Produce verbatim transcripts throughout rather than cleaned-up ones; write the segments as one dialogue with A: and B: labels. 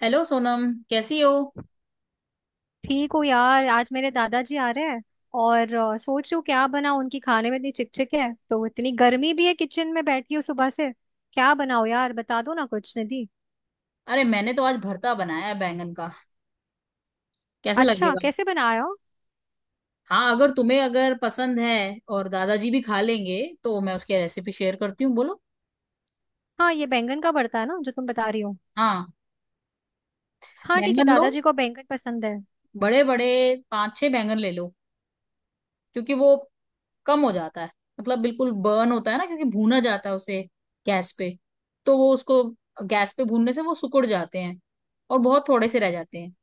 A: Hello Sonam. कैसी हो?
B: ठीक हूँ यार, आज मेरे दादाजी आ रहे हैं। और अ, सोच रही हूँ क्या बनाऊँ। उनकी खाने में इतनी चिकचिक है, तो इतनी गर्मी भी है, किचन में बैठी हूँ सुबह से। क्या बनाऊँ यार, बता दो ना कुछ, निधि।
A: अरे, मैंने तो आज भरता बनाया है बैंगन का। कैसा
B: अच्छा,
A: लगेगा?
B: कैसे बनाया हो?
A: हाँ, अगर तुम्हें अगर पसंद है और दादाजी भी खा लेंगे तो मैं उसकी रेसिपी शेयर करती हूँ, बोलो।
B: हाँ, ये बैंगन का भरता है ना जो तुम बता रही हो।
A: हाँ।
B: हाँ ठीक है,
A: बैंगन लो
B: दादाजी को बैंगन पसंद है।
A: बड़े बड़े। पांच छह बैंगन ले लो, क्योंकि वो कम हो जाता है। मतलब बिल्कुल बर्न होता है ना, क्योंकि भूना जाता है उसे गैस पे। तो वो उसको गैस पे भूनने से वो सिकुड़ जाते हैं और बहुत थोड़े से रह जाते हैं।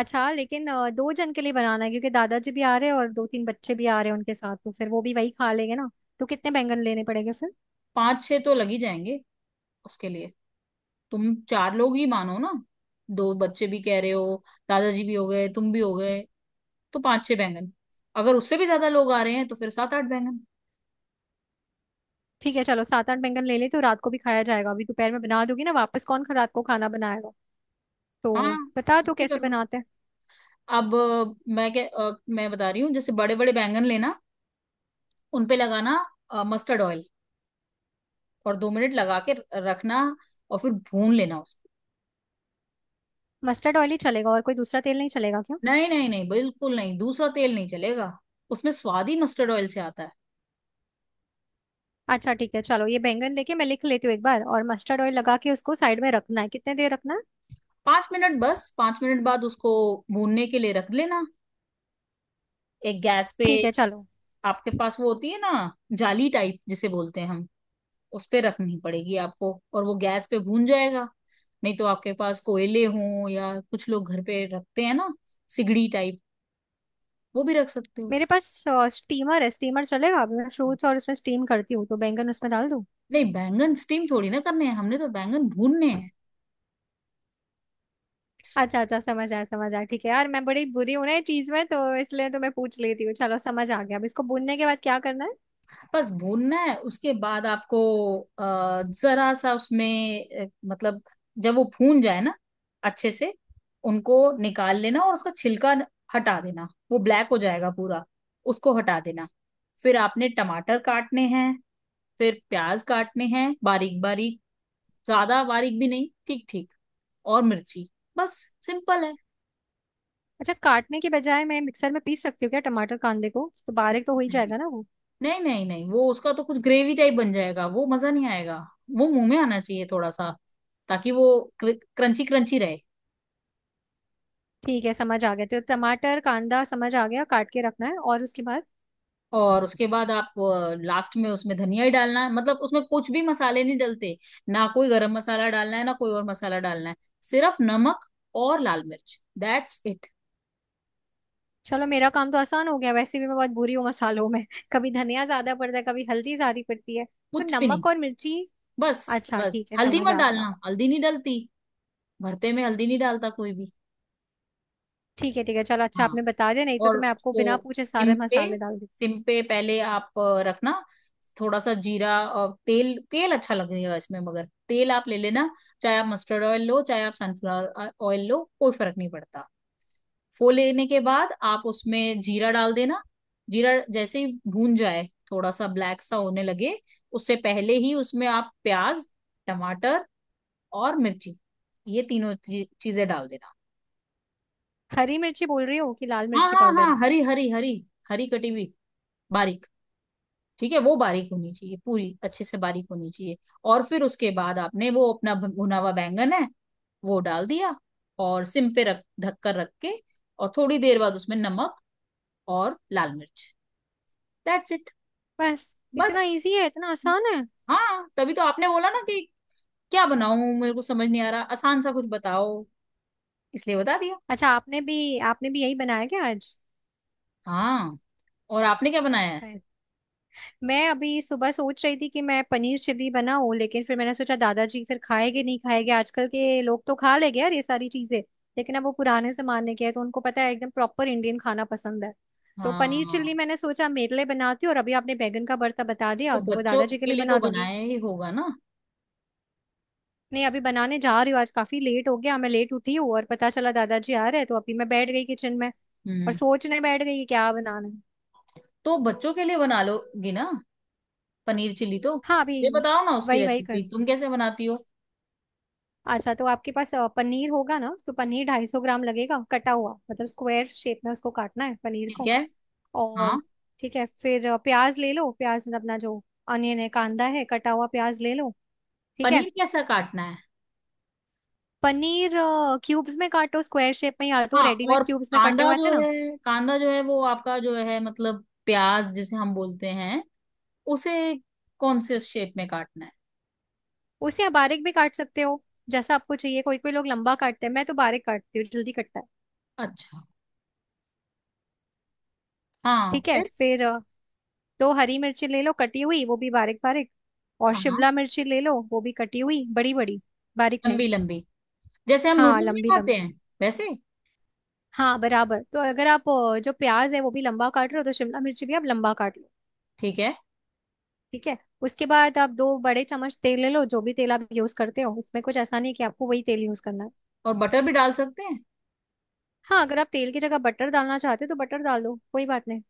B: अच्छा लेकिन अ, दो जन के लिए बनाना है, क्योंकि दादाजी भी आ रहे हैं और दो तीन बच्चे भी आ रहे हैं उनके साथ, तो फिर वो भी वही खा लेंगे ना। तो कितने बैंगन लेने पड़ेंगे फिर?
A: पांच छह तो लग ही जाएंगे उसके लिए। तुम चार लोग ही मानो ना। दो बच्चे भी कह रहे हो, दादाजी भी हो गए, तुम भी हो गए, तो पांच छह बैंगन। अगर उससे भी ज्यादा लोग आ रहे हैं तो फिर सात आठ बैंगन।
B: ठीक है, चलो सात आठ बैंगन ले ले, तो रात को भी खाया जाएगा। अभी दोपहर में बना दोगी ना, वापस कौन खा- रात को खाना बनाएगा। तो
A: हाँ,
B: बता दो
A: इतने कर
B: कैसे
A: लो।
B: बनाते हैं।
A: अब अ, मैं क्या अ, मैं बता रही हूँ, जैसे बड़े बड़े बैंगन लेना। उन पे लगाना मस्टर्ड ऑयल और दो मिनट लगा के र- रखना। और फिर भून लेना उसको।
B: मस्टर्ड ऑयल ही चलेगा, और कोई दूसरा तेल नहीं चलेगा क्या?
A: नहीं नहीं नहीं, बिल्कुल नहीं, दूसरा तेल नहीं चलेगा। उसमें स्वाद ही मस्टर्ड ऑयल से आता है।
B: अच्छा ठीक है चलो, ये बैंगन लेके मैं लिख लेती हूँ एक बार। और मस्टर्ड ऑयल लगा के उसको साइड में रखना है, कितने देर रखना है?
A: पांच मिनट, बस पांच मिनट बाद उसको भूनने के लिए रख लेना एक गैस पे।
B: ठीक है चलो।
A: आपके पास वो होती है ना, जाली टाइप जिसे बोलते हैं हम, उस पे रखनी पड़ेगी आपको और वो गैस पे भून जाएगा। नहीं तो आपके पास कोयले हों, या कुछ लोग घर पे रखते हैं ना सिगड़ी टाइप, वो भी रख सकते हो।
B: मेरे पास अ, स्टीमर है, स्टीमर चलेगा? अभी मैं फ्रूट्स और उसमें स्टीम करती हूँ, तो बैंगन उसमें डाल दूँ?
A: नहीं, बैंगन स्टीम थोड़ी ना करने हैं हमने, तो बैंगन भूनने हैं।
B: अच्छा अच्छा, समझ आया समझ आया। ठीक है यार, मैं बड़ी बुरी हूँ ना ये चीज में, तो इसलिए तो मैं पूछ लेती हूँ। चलो समझ आ गया। अब इसको भूनने के बाद क्या करना है?
A: बस भूनना है। उसके बाद आपको अ, जरा सा उसमें अ, मतलब जब वो भून जाए ना अच्छे से, उनको निकाल लेना और उसका छिलका न- हटा देना। वो ब्लैक हो जाएगा पूरा, उसको हटा देना। फिर आपने टमाटर काटने हैं, फिर प्याज काटने हैं बारीक बारीक। ज्यादा बारीक भी नहीं, ठीक ठीक। और मिर्ची। बस, सिंपल
B: अच्छा, काटने के बजाय मैं मिक्सर में पीस सकती हूँ क्या टमाटर कांदे को? तो बारीक तो हो ही
A: है।
B: जाएगा ना वो।
A: नहीं नहीं नहीं, वो उसका तो कुछ ग्रेवी टाइप बन जाएगा, वो मजा नहीं आएगा। वो मुंह में आना चाहिए थोड़ा सा, ताकि वो क्रंची क्रंची रहे।
B: ठीक है समझ आ गया, तो टमाटर कांदा समझ आ गया, काट के रखना है। और उसके बाद?
A: और उसके बाद आप लास्ट में उसमें धनिया ही डालना है। मतलब उसमें कुछ भी मसाले नहीं डलते। ना कोई गरम मसाला डालना है, ना कोई और मसाला डालना है। सिर्फ नमक और लाल मिर्च, दैट्स इट।
B: चलो मेरा काम तो आसान हो गया। वैसे भी मैं बहुत बुरी हूँ मसालों में। कभी धनिया ज्यादा पड़ता है, कभी हल्दी ज्यादा पड़ती है, तो
A: कुछ भी नहीं,
B: नमक और मिर्ची।
A: बस।
B: अच्छा
A: बस
B: ठीक है,
A: हल्दी
B: समझ
A: मत
B: आ गया।
A: डालना, हल्दी नहीं डलती। भरते में हल्दी नहीं डालता कोई भी।
B: ठीक है ठीक है चलो, अच्छा
A: हाँ।
B: आपने बता दिया, नहीं तो, तो
A: और
B: मैं आपको बिना
A: उसको
B: पूछे
A: सिम
B: सारे
A: पे,
B: मसाले डाल दी।
A: सिम पे पहले आप अ, रखना थोड़ा सा जीरा और तेल। तेल अच्छा लगेगा इसमें, मगर तेल आप ले लेना। चाहे आप मस्टर्ड ऑयल लो, चाहे आप सनफ्लावर ऑयल लो, कोई फर्क नहीं पड़ता। फो लेने के बाद आप उसमें जीरा डाल देना। जीरा जैसे ही भून जाए, थोड़ा सा ब्लैक सा होने लगे, उससे पहले ही उसमें आप प्याज, टमाटर और मिर्ची, ये तीनों ची- चीजें डाल देना।
B: हरी मिर्ची बोल रही हो कि लाल
A: हाँ
B: मिर्ची
A: हाँ
B: पाउडर?
A: हाँ, हरी हरी हरी, हरी कटी हुई बारीक। ठीक है, वो बारीक होनी चाहिए पूरी, अच्छे से बारीक होनी चाहिए। और फिर उसके बाद आपने वो अपना भ- भुना हुआ बैंगन है, वो डाल दिया, और सिम पे रख, ढककर रख के। और थोड़ी देर बाद उसमें नमक और लाल मिर्च, दैट्स इट।
B: बस इतना
A: बस।
B: इजी है, इतना आसान है।
A: हाँ, तभी तो आपने बोला ना कि क्या बनाऊं, मेरे को समझ नहीं आ रहा, आसान सा कुछ बताओ, इसलिए बता दिया।
B: अच्छा, आपने भी आपने भी यही बनाया क्या आज?
A: हाँ। और आपने क्या बनाया है?
B: मैं अभी सुबह सोच रही थी कि मैं पनीर चिल्ली बनाऊं, लेकिन फिर मैंने सोचा दादाजी फिर खाएंगे नहीं खाएंगे। आजकल के लोग तो खा लेंगे यार ये सारी चीजें, लेकिन अब वो पुराने जमाने के हैं, तो उनको पता है एकदम प्रॉपर इंडियन खाना पसंद है। तो पनीर चिल्ली
A: हाँ।
B: मैंने सोचा मेरे लिए बनाती हूँ, और अभी आपने बैगन का भरता बता
A: तो
B: दिया तो वो
A: बच्चों
B: दादाजी के
A: के
B: लिए
A: लिए तो
B: बना दोगी।
A: बनाया ही होगा ना।
B: नहीं, अभी बनाने जा रही हूँ। आज काफी लेट हो गया, मैं लेट उठी हूँ, और पता चला दादाजी आ रहे हैं, तो अभी मैं बैठ गई किचन में और
A: हम्म।
B: सोचने बैठ गई कि क्या बनाना है।
A: तो बच्चों के लिए बना लोगी ना पनीर चिली? तो
B: हाँ अभी।
A: ये बताओ ना, उसकी
B: वही वही
A: रेसिपी
B: करूंगी।
A: तुम कैसे बनाती हो।
B: अच्छा तो आपके पास अ, पनीर होगा ना, तो पनीर ढाई सौ ग्राम लगेगा, कटा हुआ, मतलब स्क्वायर शेप में उसको काटना है पनीर
A: ठीक
B: को।
A: है।
B: और
A: हाँ।
B: ठीक है, फिर अ, प्याज ले लो। प्याज मतलब अपना जो अनियन है, कांदा है, कटा हुआ प्याज ले लो। ठीक है।
A: पनीर कैसा काटना है?
B: पनीर क्यूब्स में काटो, स्क्वायर शेप में, या तो
A: हाँ। और
B: रेडीमेड क्यूब्स में कटे
A: कांदा
B: हुए आते
A: जो
B: हैं ना।
A: है, कांदा जो है वो आपका जो है, मतलब प्याज जिसे हम बोलते हैं, उसे कौन से शेप में काटना है?
B: उसे आप बारीक भी काट सकते हो, जैसा आपको चाहिए। कोई कोई लोग लंबा काटते हैं, मैं तो बारीक काटती हूँ, जल्दी कटता है।
A: अच्छा। हाँ,
B: ठीक है,
A: फिर?
B: फिर अ, दो हरी मिर्ची ले लो कटी हुई, वो भी बारीक बारीक। और
A: हाँ,
B: शिमला मिर्ची ले लो, वो भी कटी हुई, बड़ी बड़ी, बारीक नहीं।
A: लंबी लंबी, जैसे हम
B: हाँ,
A: नूडल्स में
B: लंबी
A: खाते
B: लंबी।
A: हैं वैसे।
B: हाँ बराबर, तो अगर आप अ, जो प्याज है वो भी लंबा काट रहे हो, तो शिमला मिर्ची भी आप लंबा काट लो।
A: ठीक है।
B: ठीक है। उसके बाद आप दो बड़े चम्मच तेल ले लो, जो भी तेल आप यूज करते हो, उसमें कुछ ऐसा नहीं कि आपको वही तेल यूज करना है।
A: और बटर भी डाल सकते हैं।
B: हाँ, अगर आप तेल की जगह बटर डालना चाहते हो, तो बटर डाल दो, कोई बात नहीं।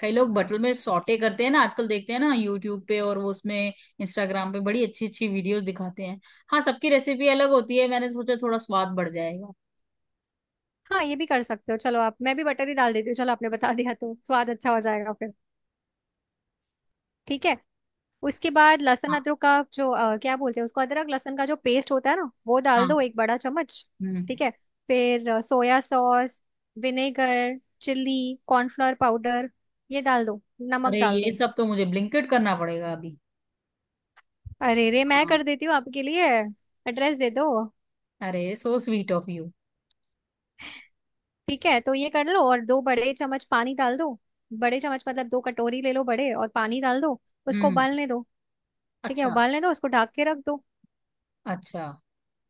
A: कई लोग बटल में सॉटे करते हैं ना, आजकल देखते हैं ना यूट्यूब पे, और वो उसमें इंस्टाग्राम पे बड़ी अच्छी अच्छी वीडियोस दिखाते हैं। हाँ, सबकी रेसिपी अलग होती है, मैंने सोचा थोड़ा स्वाद बढ़ जाएगा।
B: हाँ, ये भी कर सकते हो। चलो आप, मैं भी बटर ही डाल देती हूँ, चलो आपने बता दिया तो स्वाद अच्छा हो जाएगा फिर। ठीक है। उसके बाद लहसुन
A: हाँ।
B: अदरक का जो अ, क्या बोलते हैं उसको, अदरक लहसुन का जो पेस्ट होता है ना, वो डाल दो,
A: हाँ।
B: एक बड़ा चम्मच।
A: हम्म।
B: ठीक है। फिर अ, soya sauce, vinegar, chilli, cornflour powder, ये डाल दो। नमक
A: अरे,
B: डाल
A: ये
B: दो।
A: सब तो मुझे ब्लिंकिट करना पड़ेगा अभी।
B: अरे रे, मैं
A: हाँ।
B: कर देती हूँ आपके लिए। एड्रेस दे दो।
A: अरे, सो स्वीट ऑफ यू।
B: ठीक है, तो ये कर लो, और दो बड़े चम्मच पानी डाल दो। बड़े चम्मच मतलब दो कटोरी ले लो बड़े, और पानी डाल दो। उसको
A: हम्म।
B: उबालने दो। ठीक है,
A: अच्छा
B: उबालने दो, उसको ढक के रख दो।
A: अच्छा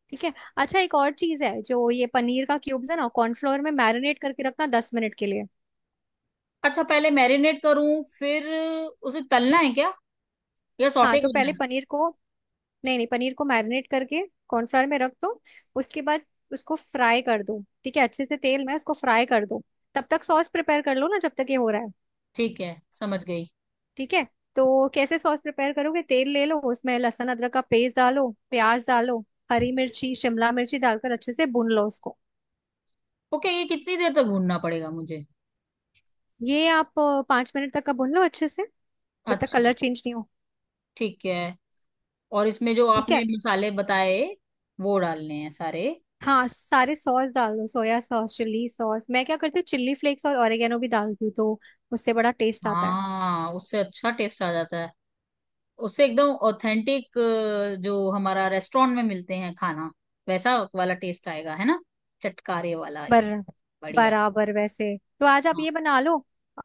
B: ठीक है। अच्छा एक और चीज है, जो ये पनीर का क्यूब्स है ना, कॉर्नफ्लोर में मैरिनेट करके रखना दस मिनट के लिए।
A: अच्छा, पहले मैरिनेट करूं, फिर उसे तलना है क्या, या
B: हाँ
A: सॉटे
B: तो
A: करना
B: पहले
A: है?
B: पनीर को, नहीं नहीं, पनीर को मैरिनेट करके कॉर्नफ्लोर में रख दो। उसके बाद उसको फ्राई कर दो। ठीक है, अच्छे से तेल में उसको फ्राई कर दो। तब तक सॉस प्रिपेयर कर लो ना, जब तक ये हो रहा है।
A: ठीक है, समझ गई।
B: ठीक है। तो कैसे सॉस प्रिपेयर करोगे, तेल ले लो, उसमें लहसुन अदरक का पेस्ट डालो, प्याज डालो, हरी मिर्ची, शिमला मिर्ची डालकर अच्छे से भून लो उसको।
A: ओके, ये कितनी देर तक भूनना पड़ेगा मुझे?
B: ये आप अ, पाँच मिनट तक का भून लो अच्छे से, जब तक
A: अच्छा।
B: कलर चेंज नहीं हो।
A: ठीक है। और इसमें जो
B: ठीक
A: आपने
B: है।
A: मसाले बताए, वो डालने हैं सारे?
B: हाँ, सारे सॉस डाल दो, सोया सॉस, चिल्ली सॉस। मैं क्या करती हूँ, चिल्ली फ्लेक्स और ऑरिगेनो भी डालती हूँ, तो उससे बड़ा टेस्ट आता है।
A: हाँ, उससे अच्छा टेस्ट आ जाता है। उससे एकदम ऑथेंटिक, जो हमारा रेस्टोरेंट में मिलते हैं खाना, वैसा वाला टेस्ट आएगा, है ना, चटकारे वाला।
B: बर
A: बढ़िया।
B: बराबर। वैसे तो आज आप
A: हाँ
B: ये बना लो।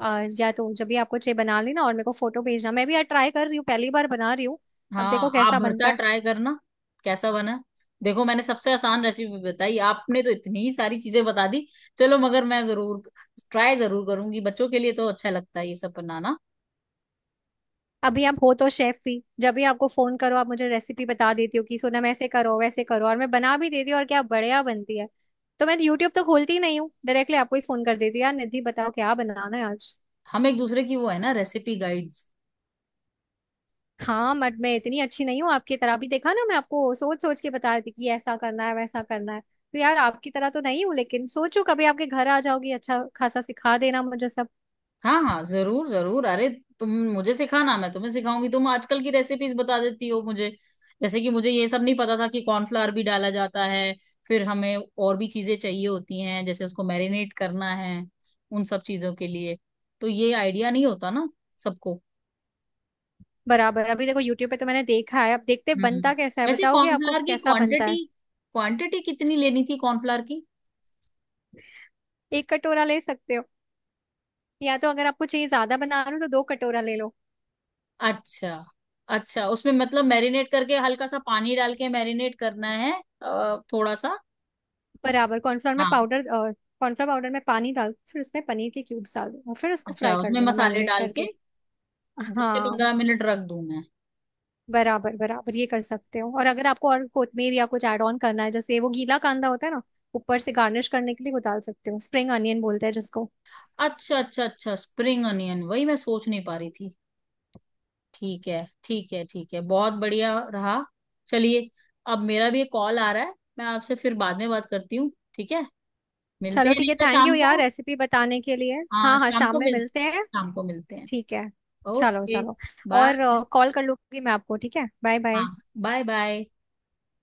B: आ, या तो जब भी आपको चाहिए बना लेना, और मेरे को फोटो भेजना। मैं भी यार ट्राई कर रही हूँ, पहली बार बना रही हूँ। अब देखो
A: हाँ, आप
B: कैसा बनता
A: भरता
B: है।
A: ट्राई करना। कैसा बना? देखो, मैंने सबसे आसान रेसिपी बताई, आपने तो इतनी सारी चीजें बता दी। चलो, मगर मैं जरूर ट्राई जरूर करूंगी, बच्चों के लिए तो अच्छा लगता है ये सब बनाना।
B: अभी आप हो तो शेफ ही, जब भी आपको फोन करो, आप मुझे रेसिपी बता देती हो, कि सोनम ऐसे करो वैसे करो, और मैं बना भी देती हूँ, और क्या बढ़िया बनती है। तो मैं यूट्यूब तो खोलती ही नहीं हूँ, डायरेक्टली आपको ही फोन कर देती हूँ, यार निधि बताओ क्या बनाना है आज।
A: हम एक दूसरे की वो है ना, रेसिपी गाइड।
B: हाँ, बट मैं इतनी अच्छी नहीं हूँ आपकी तरह भी, देखा ना मैं आपको सोच सोच के बता रही थी कि ऐसा करना है वैसा करना है। तो यार आपकी तरह तो नहीं हूँ, लेकिन सोचो कभी आपके घर आ जाओगी, अच्छा खासा सिखा देना मुझे सब।
A: हाँ हाँ, जरूर जरूर। अरे, तुम मुझे सिखाना, मैं तुम्हें सिखाऊंगी। तुम आजकल की रेसिपीज बता देती हो मुझे, जैसे कि मुझे ये सब नहीं पता था कि कॉर्नफ्लावर भी डाला जाता है। फिर हमें और भी चीजें चाहिए होती हैं, जैसे उसको मैरिनेट करना है, उन सब चीजों के लिए तो ये आइडिया नहीं होता ना सबको।
B: बराबर, अभी देखो यूट्यूब पे तो मैंने देखा है, अब देखते हैं
A: हम्म।
B: बनता कैसा है,
A: वैसे
B: बताओगे आपको
A: कॉर्नफ्लावर
B: कि
A: की
B: कैसा बनता
A: क्वांटिटी,
B: है।
A: क्वांटिटी कितनी लेनी थी कॉर्नफ्लावर की?
B: एक कटोरा ले सकते हो, या तो अगर आपको चाहिए ज्यादा बना रहे हो तो दो कटोरा ले लो।
A: अच्छा। अच्छा, उसमें मतलब मैरिनेट करके हल्का सा पानी डाल के मैरिनेट करना है अ, थोड़ा सा।
B: बराबर, कॉर्नफ्लोर में
A: हाँ।
B: पाउडर, कॉर्नफ्लोर पाउडर में पानी डाल, फिर उसमें पनीर के क्यूब्स डाल दो, और फिर उसको
A: अच्छा,
B: फ्राई कर
A: उसमें
B: लेना
A: मसाले
B: मैरिनेट
A: डाल
B: करके।
A: के दस से
B: हाँ।
A: पंद्रह मिनट रख दूं मैं?
B: बराबर बराबर, ये कर सकते हो। और अगर आपको और कोथमीर या कुछ ऐड ऑन करना है, जैसे वो गीला कांदा होता है ना, ऊपर से गार्निश करने के लिए, वो डाल सकते हो, स्प्रिंग अनियन बोलते हैं जिसको।
A: अच्छा अच्छा अच्छा, स्प्रिंग अनियन, वही मैं सोच नहीं पा रही थी। ठीक है ठीक है ठीक है, बहुत बढ़िया रहा। चलिए, अब मेरा भी एक कॉल आ रहा है, मैं आपसे फिर बाद में बात करती हूँ, ठीक है? मिलते
B: चलो
A: हैं
B: ठीक
A: नहीं
B: है,
A: तो
B: थैंक यू
A: शाम
B: यार
A: को।
B: रेसिपी बताने के लिए।
A: हाँ,
B: हाँ हाँ,
A: शाम
B: शाम
A: को
B: में
A: मिल
B: मिलते हैं।
A: शाम को मिलते हैं।
B: ठीक है, चलो
A: ओके।
B: चलो।
A: बाय।
B: और कॉल कर लूंगी मैं आपको, ठीक है, बाय बाय।
A: हाँ, बाय बाय।